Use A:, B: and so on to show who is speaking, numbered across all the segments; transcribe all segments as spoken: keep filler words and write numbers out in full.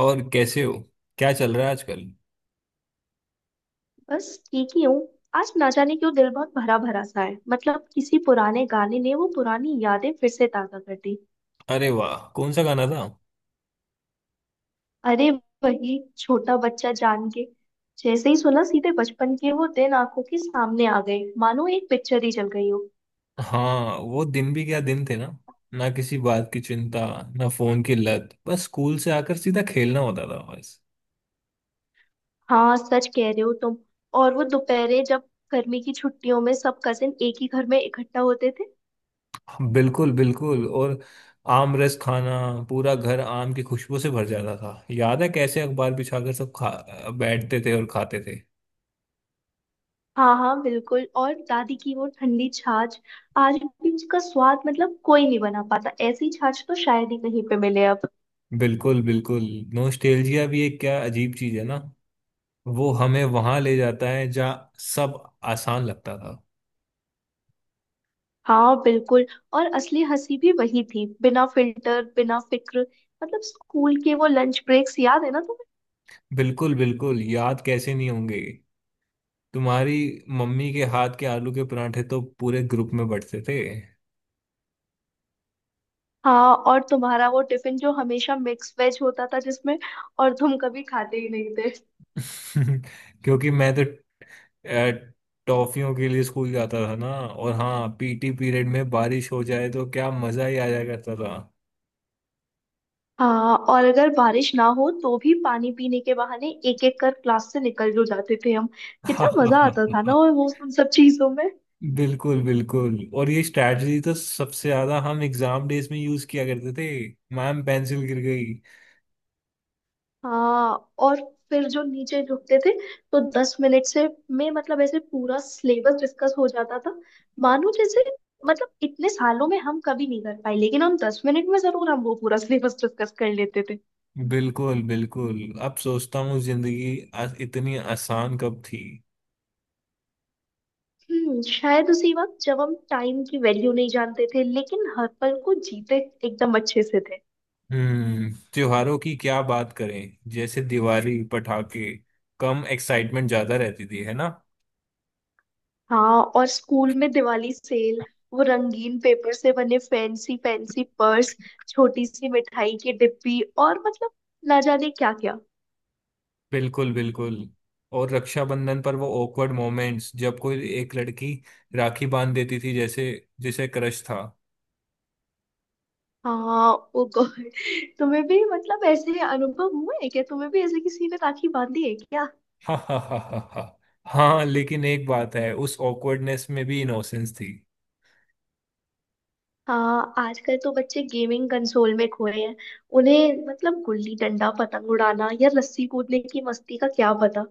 A: और कैसे हो? क्या चल रहा है आजकल?
B: बस ठीक ही हूँ। आज ना जाने क्यों दिल बहुत भरा भरा सा है, मतलब किसी पुराने गाने ने वो पुरानी यादें फिर से ताजा कर दी।
A: अरे वाह! कौन सा गाना था?
B: अरे, वही छोटा बच्चा जान के, जैसे ही सुना सीधे बचपन के वो दिन आंखों के सामने आ गए, मानो एक पिक्चर ही चल गई हो।
A: हाँ, वो दिन भी क्या दिन थे ना। ना किसी बात की चिंता, ना फोन की लत, बस स्कूल से आकर सीधा खेलना होता था, बस।
B: हाँ सच कह रहे हो तुम। और वो दोपहरे जब गर्मी की छुट्टियों में सब कजिन एक ही घर में इकट्ठा होते थे।
A: हाँ, बिल्कुल बिल्कुल, और आम रस खाना, पूरा घर आम की खुशबू से भर जाता था। याद है कैसे अखबार बिछाकर सब खा बैठते थे और खाते थे।
B: हाँ हाँ बिल्कुल, और दादी की वो ठंडी छाछ, आज भी उसका स्वाद, मतलब कोई नहीं बना पाता, ऐसी छाछ तो शायद ही कहीं पे मिले अब।
A: बिल्कुल बिल्कुल। नोस्टेल्जिया भी एक क्या अजीब चीज है ना। वो हमें वहां ले जाता है जहाँ सब आसान लगता था।
B: हाँ बिल्कुल, और असली हंसी भी वही थी, बिना फिल्टर बिना फिक्र। मतलब स्कूल के वो लंच ब्रेक्स, याद है ना तुम्हें?
A: बिल्कुल बिल्कुल, याद कैसे नहीं होंगे। तुम्हारी मम्मी के हाथ के आलू के परांठे तो पूरे ग्रुप में बंटते थे।
B: हाँ, और तुम्हारा वो टिफिन जो हमेशा मिक्स वेज होता था जिसमें, और तुम कभी खाते ही नहीं थे।
A: क्योंकि मैं तो अ, टॉफियों के लिए स्कूल जाता था ना। और हाँ, पीटी पीरियड में बारिश हो जाए तो क्या मजा ही आ जाया करता था।
B: हाँ, और अगर बारिश ना हो तो भी पानी पीने के बहाने एक एक कर क्लास से निकल जो जाते थे हम। कितना मजा आता था ना वो उन सब चीजों में।
A: बिल्कुल बिल्कुल, और ये स्ट्रैटेजी तो सबसे ज्यादा हम एग्जाम डेज में यूज किया करते थे। मैम, पेंसिल गिर गई।
B: हाँ, और फिर जो नीचे रुकते थे तो दस मिनट से में, मतलब ऐसे पूरा सिलेबस डिस्कस हो जाता था, मानो जैसे, मतलब इतने सालों में हम कभी नहीं कर पाए, लेकिन हम दस मिनट में जरूर हम वो पूरा सिलेबस डिस्कस कर लेते थे।
A: बिल्कुल बिल्कुल। अब सोचता हूँ, जिंदगी आ- इतनी आसान कब थी।
B: हम्म शायद उसी वक्त, जब हम टाइम की वैल्यू नहीं जानते थे लेकिन हर पल को जीते एकदम अच्छे से थे।
A: हम्म, त्योहारों की क्या बात करें, जैसे दिवाली, पटाखे कम एक्साइटमेंट ज्यादा रहती थी, है ना।
B: हाँ, और स्कूल में दिवाली सेल, वो रंगीन पेपर से बने फैंसी फैंसी पर्स, छोटी सी मिठाई की डिब्बी और मतलब ना जाने क्या क्या।
A: बिल्कुल बिल्कुल, और रक्षाबंधन पर वो awkward मोमेंट्स जब कोई एक लड़की राखी बांध देती थी, जैसे जिसे क्रश था।
B: हाँ ओ गॉड, तुम्हें भी मतलब ऐसे अनुभव हुआ है क्या? तुम्हें भी ऐसे किसी ने राखी बांधी है क्या?
A: हा हा हा हा हा। हाँ, लेकिन एक बात है, उस awkwardness में भी इनोसेंस थी।
B: हाँ, आजकल तो बच्चे गेमिंग कंसोल में खोए हैं, उन्हें मतलब गुल्ली डंडा, पतंग उड़ाना या रस्सी कूदने की मस्ती का क्या पता।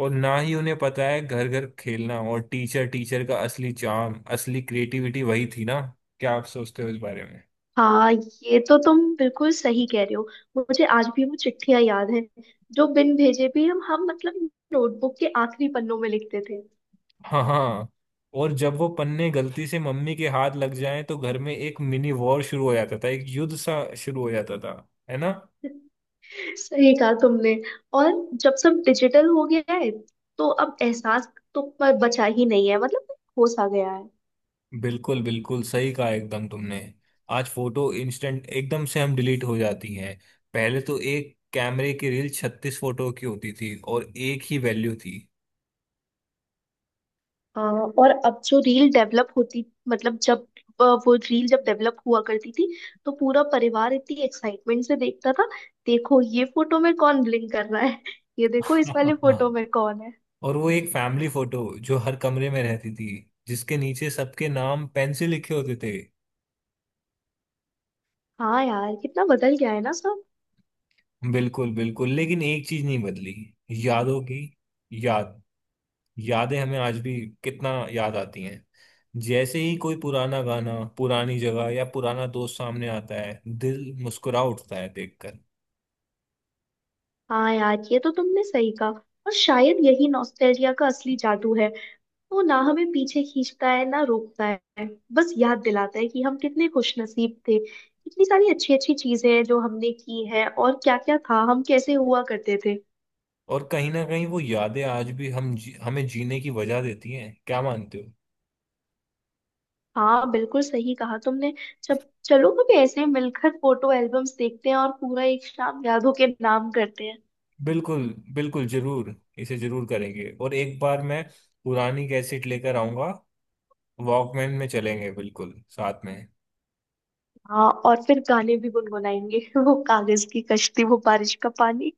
A: और ना ही उन्हें पता है घर घर खेलना और टीचर टीचर का असली चार्म, असली क्रिएटिविटी वही थी ना। क्या आप सोचते हो इस बारे?
B: हाँ ये तो तुम बिल्कुल सही कह रहे हो। मुझे आज भी वो चिट्ठियां याद हैं जो बिन भेजे भी हम हम मतलब नोटबुक के आखिरी पन्नों में लिखते थे।
A: हाँ हाँ, और जब वो पन्ने गलती से मम्मी के हाथ लग जाएं तो घर में एक मिनी वॉर शुरू हो जाता था, एक युद्ध सा शुरू हो जाता था, है ना।
B: सही कहा तुमने। और जब सब डिजिटल हो गया है तो अब एहसास तो ब- बचा ही नहीं है, मतलब होश आ गया है।
A: बिल्कुल बिल्कुल, सही कहा एकदम तुमने। आज फोटो इंस्टेंट एकदम से हम डिलीट हो जाती हैं। पहले तो एक कैमरे की रील छत्तीस फोटो की होती थी और एक ही वैल्यू थी।
B: आ, और अब जो रील डेवलप होती, मतलब जब आ, वो रील जब डेवलप हुआ करती थी तो पूरा परिवार इतनी एक्साइटमेंट से देखता था, देखो ये फोटो में कौन ब्लिंक कर रहा है, ये देखो इस वाले फोटो में कौन है।
A: और वो एक फैमिली फोटो जो हर कमरे में रहती थी, जिसके नीचे सबके नाम पेन से लिखे होते थे।
B: हाँ यार कितना बदल गया है ना सब।
A: बिल्कुल बिल्कुल, लेकिन एक चीज नहीं बदली, यादों की याद, यादें हमें आज भी कितना याद आती हैं। जैसे ही कोई पुराना गाना, पुरानी जगह या पुराना दोस्त सामने आता है, दिल मुस्कुरा उठता है देखकर।
B: हाँ यार ये तो तुमने सही कहा। और शायद यही नॉस्टैल्जिया का असली जादू है, वो ना हमें पीछे खींचता है ना रोकता है, बस याद दिलाता है कि हम कितने खुश नसीब थे, इतनी सारी अच्छी अच्छी चीजें हैं जो हमने की है, और क्या क्या था, हम कैसे हुआ करते थे।
A: और कहीं ना कहीं वो यादें आज भी हम जी, हमें जीने की वजह देती हैं, क्या मानते हो?
B: हाँ बिल्कुल सही कहा तुमने। जब चलो कभी ऐसे मिलकर फोटो एल्बम्स देखते हैं और पूरा एक शाम यादों के नाम करते हैं।
A: बिल्कुल बिल्कुल, जरूर इसे जरूर करेंगे। और एक बार मैं पुरानी कैसेट लेकर आऊंगा, वॉकमैन में चलेंगे बिल्कुल साथ में।
B: हाँ, और फिर गाने भी गुनगुनाएंगे वो कागज की कश्ती, वो बारिश का पानी।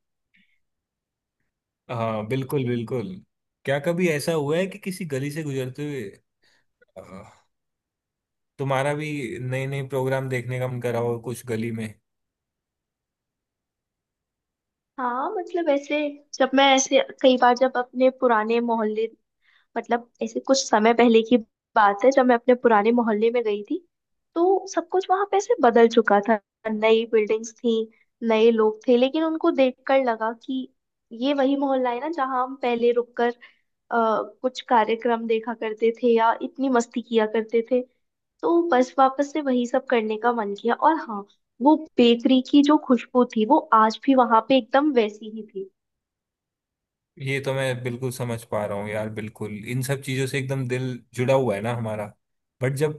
A: हाँ बिल्कुल बिल्कुल। क्या कभी ऐसा हुआ है कि किसी गली से गुजरते हुए अ, तुम्हारा भी नए नए प्रोग्राम देखने का मन करा हो कुछ गली में?
B: हाँ मतलब ऐसे, जब मैं ऐसे कई बार जब अपने पुराने मोहल्ले, मतलब ऐसे कुछ समय पहले की बात है, जब मैं अपने पुराने मोहल्ले में गई थी तो सब कुछ वहां पे ऐसे बदल चुका था, नई बिल्डिंग्स थी, नए लोग थे, लेकिन उनको देखकर लगा कि ये वही मोहल्ला है ना, जहाँ हम पहले रुककर आ, कुछ कार्यक्रम देखा करते थे या इतनी मस्ती किया करते थे, तो बस वापस से वही सब करने का मन किया। और हाँ, वो बेकरी की जो खुशबू थी वो आज भी वहां पे एकदम वैसी ही थी।
A: ये तो मैं बिल्कुल समझ पा रहा हूँ यार, बिल्कुल इन सब चीजों से एकदम दिल जुड़ा हुआ है ना हमारा। बट जब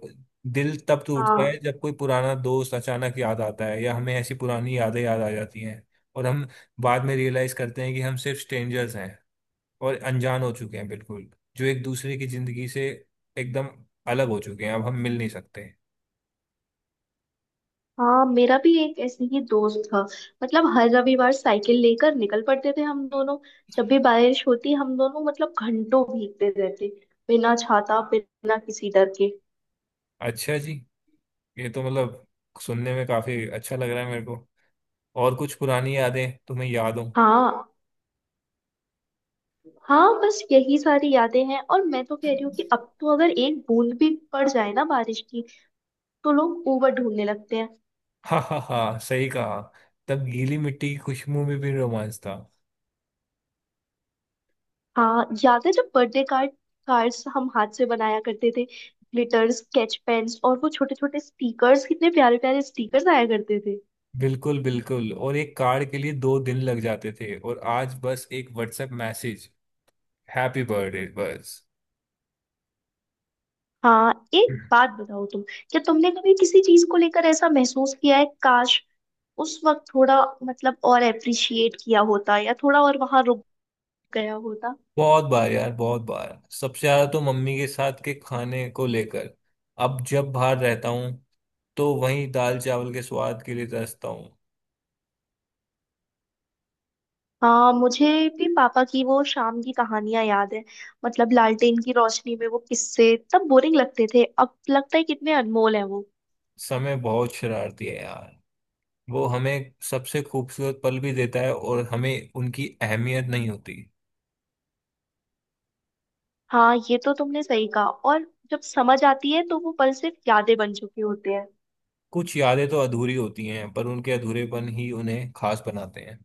A: दिल तब टूटता है
B: हाँ।
A: जब कोई पुराना दोस्त अचानक याद आता है या हमें ऐसी पुरानी यादें याद आ जाती हैं। और हम बाद में रियलाइज करते हैं कि हम सिर्फ स्ट्रेंजर्स हैं और अनजान हो चुके हैं, बिल्कुल, जो एक दूसरे की जिंदगी से एकदम अलग हो चुके हैं, अब हम मिल नहीं सकते।
B: हाँ मेरा भी एक ऐसे ही दोस्त था, मतलब हर रविवार साइकिल लेकर निकल पड़ते थे हम दोनों, जब भी बारिश होती हम दोनों मतलब घंटों भीगते रहते, बिना छाता बिना किसी डर के।
A: अच्छा जी, ये तो मतलब सुनने में काफी अच्छा लग रहा है मेरे को। और कुछ पुरानी यादें तुम्हें याद हो?
B: हाँ। हाँ बस यही सारी यादें हैं, और मैं तो कह रही हूँ कि अब तो अगर एक बूंद भी पड़ जाए ना बारिश की, तो लोग ऊबर ढूंढने लगते हैं।
A: हाँ हाँ हाँ, सही कहा, तब गीली मिट्टी की खुशबू में भी रोमांच था।
B: हाँ याद है जब बर्थडे कार्ड कार्ड्स हम हाथ से बनाया करते थे, ग्लिटर्स, स्केच पेन्स और वो छोटे छोटे स्टिकर्स, कितने प्यारे प्यारे स्टिकर्स आया करते थे।
A: बिल्कुल बिल्कुल, और एक कार्ड के लिए दो दिन लग जाते थे, और आज बस एक व्हाट्सएप मैसेज, हैप्पी बर्थडे, बस।
B: हाँ एक बात बताओ तुम, क्या तुमने कभी किसी चीज को लेकर ऐसा महसूस किया है, काश उस वक्त थोड़ा, मतलब और अप्रिशिएट किया होता, या थोड़ा और वहां रुक गया होता।
A: बहुत बार यार, बहुत बार, सबसे ज्यादा तो मम्मी के साथ के खाने को लेकर। अब जब बाहर रहता हूँ तो वहीं दाल चावल के स्वाद के लिए तरसता हूँ।
B: हाँ मुझे भी पापा की वो शाम की कहानियां याद है, मतलब लालटेन की रोशनी में वो किस्से तब बोरिंग लगते थे, अब लगता है कितने अनमोल है वो।
A: समय बहुत शरारती है यार। वो हमें सबसे खूबसूरत पल भी देता है और हमें उनकी अहमियत नहीं होती।
B: हाँ ये तो तुमने सही कहा, और जब समझ आती है तो वो पल सिर्फ यादें बन चुके होते हैं।
A: कुछ यादें तो अधूरी होती हैं, पर उनके अधूरेपन ही उन्हें खास बनाते हैं।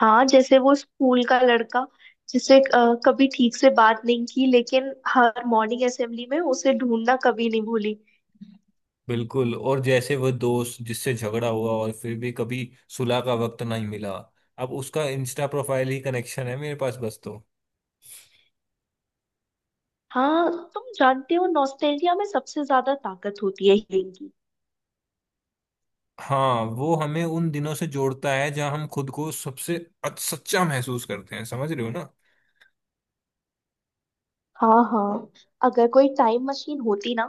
B: हाँ जैसे वो स्कूल का लड़का, जिसे अ, कभी ठीक से बात नहीं की, लेकिन हर मॉर्निंग असेंबली में उसे ढूंढना कभी नहीं भूली।
A: बिल्कुल, और जैसे वह दोस्त जिससे झगड़ा हुआ और फिर भी कभी सुलह का वक्त नहीं मिला। अब उसका इंस्टा प्रोफाइल ही कनेक्शन है मेरे पास बस, तो
B: हाँ तुम जानते हो नॉस्टैल्जिया में सबसे ज्यादा ताकत होती है हीलिंग की।
A: हाँ। वो हमें उन दिनों से जोड़ता है जहाँ हम खुद को सबसे अच- सच्चा महसूस करते हैं, समझ रहे हो ना।
B: हाँ हाँ, अगर कोई टाइम मशीन होती ना,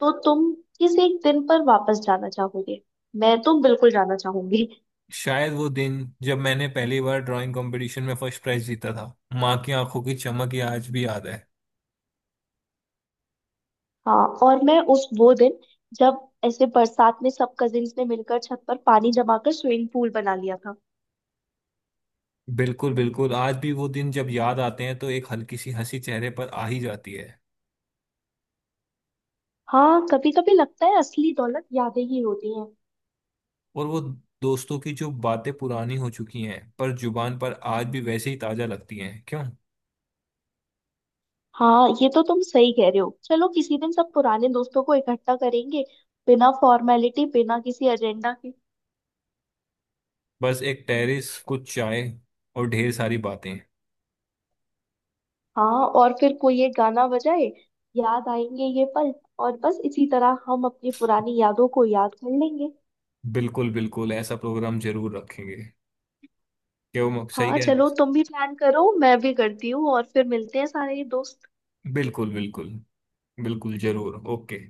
B: तो तुम किस एक दिन पर वापस जाना चाहोगे? मैं तो बिल्कुल जाना चाहूंगी।
A: शायद वो दिन जब मैंने पहली बार ड्राइंग कंपटीशन में फर्स्ट प्राइज जीता था। माँ की आंखों की चमक ये आज भी याद है।
B: हाँ, और मैं उस वो दिन, जब ऐसे बरसात में सब कजिन्स ने मिलकर छत पर पानी जमा कर स्विमिंग पूल बना लिया था।
A: बिल्कुल बिल्कुल, आज भी वो दिन जब याद आते हैं तो एक हल्की सी हंसी चेहरे पर आ ही जाती है।
B: हाँ कभी कभी लगता है असली दौलत यादें ही होती हैं।
A: और वो दोस्तों की जो बातें पुरानी हो चुकी हैं पर जुबान पर आज भी वैसे ही ताजा लगती हैं, क्यों?
B: हाँ ये तो तुम सही कह रहे हो, चलो किसी दिन सब पुराने दोस्तों को इकट्ठा करेंगे, बिना फॉर्मेलिटी बिना किसी एजेंडा के।
A: बस एक टेरेस, कुछ चाय और ढेर सारी बातें।
B: हाँ और फिर कोई एक गाना बजाए, याद आएंगे ये पल, और बस इसी तरह हम अपनी पुरानी यादों को याद कर लेंगे।
A: बिल्कुल बिल्कुल, ऐसा प्रोग्राम जरूर रखेंगे, क्यों, सही
B: हाँ
A: कह
B: चलो
A: रहे
B: तुम भी प्लान करो, मैं भी करती हूँ, और फिर मिलते हैं सारे दोस्त।
A: हैं? बिल्कुल बिल्कुल, बिल्कुल जरूर, ओके।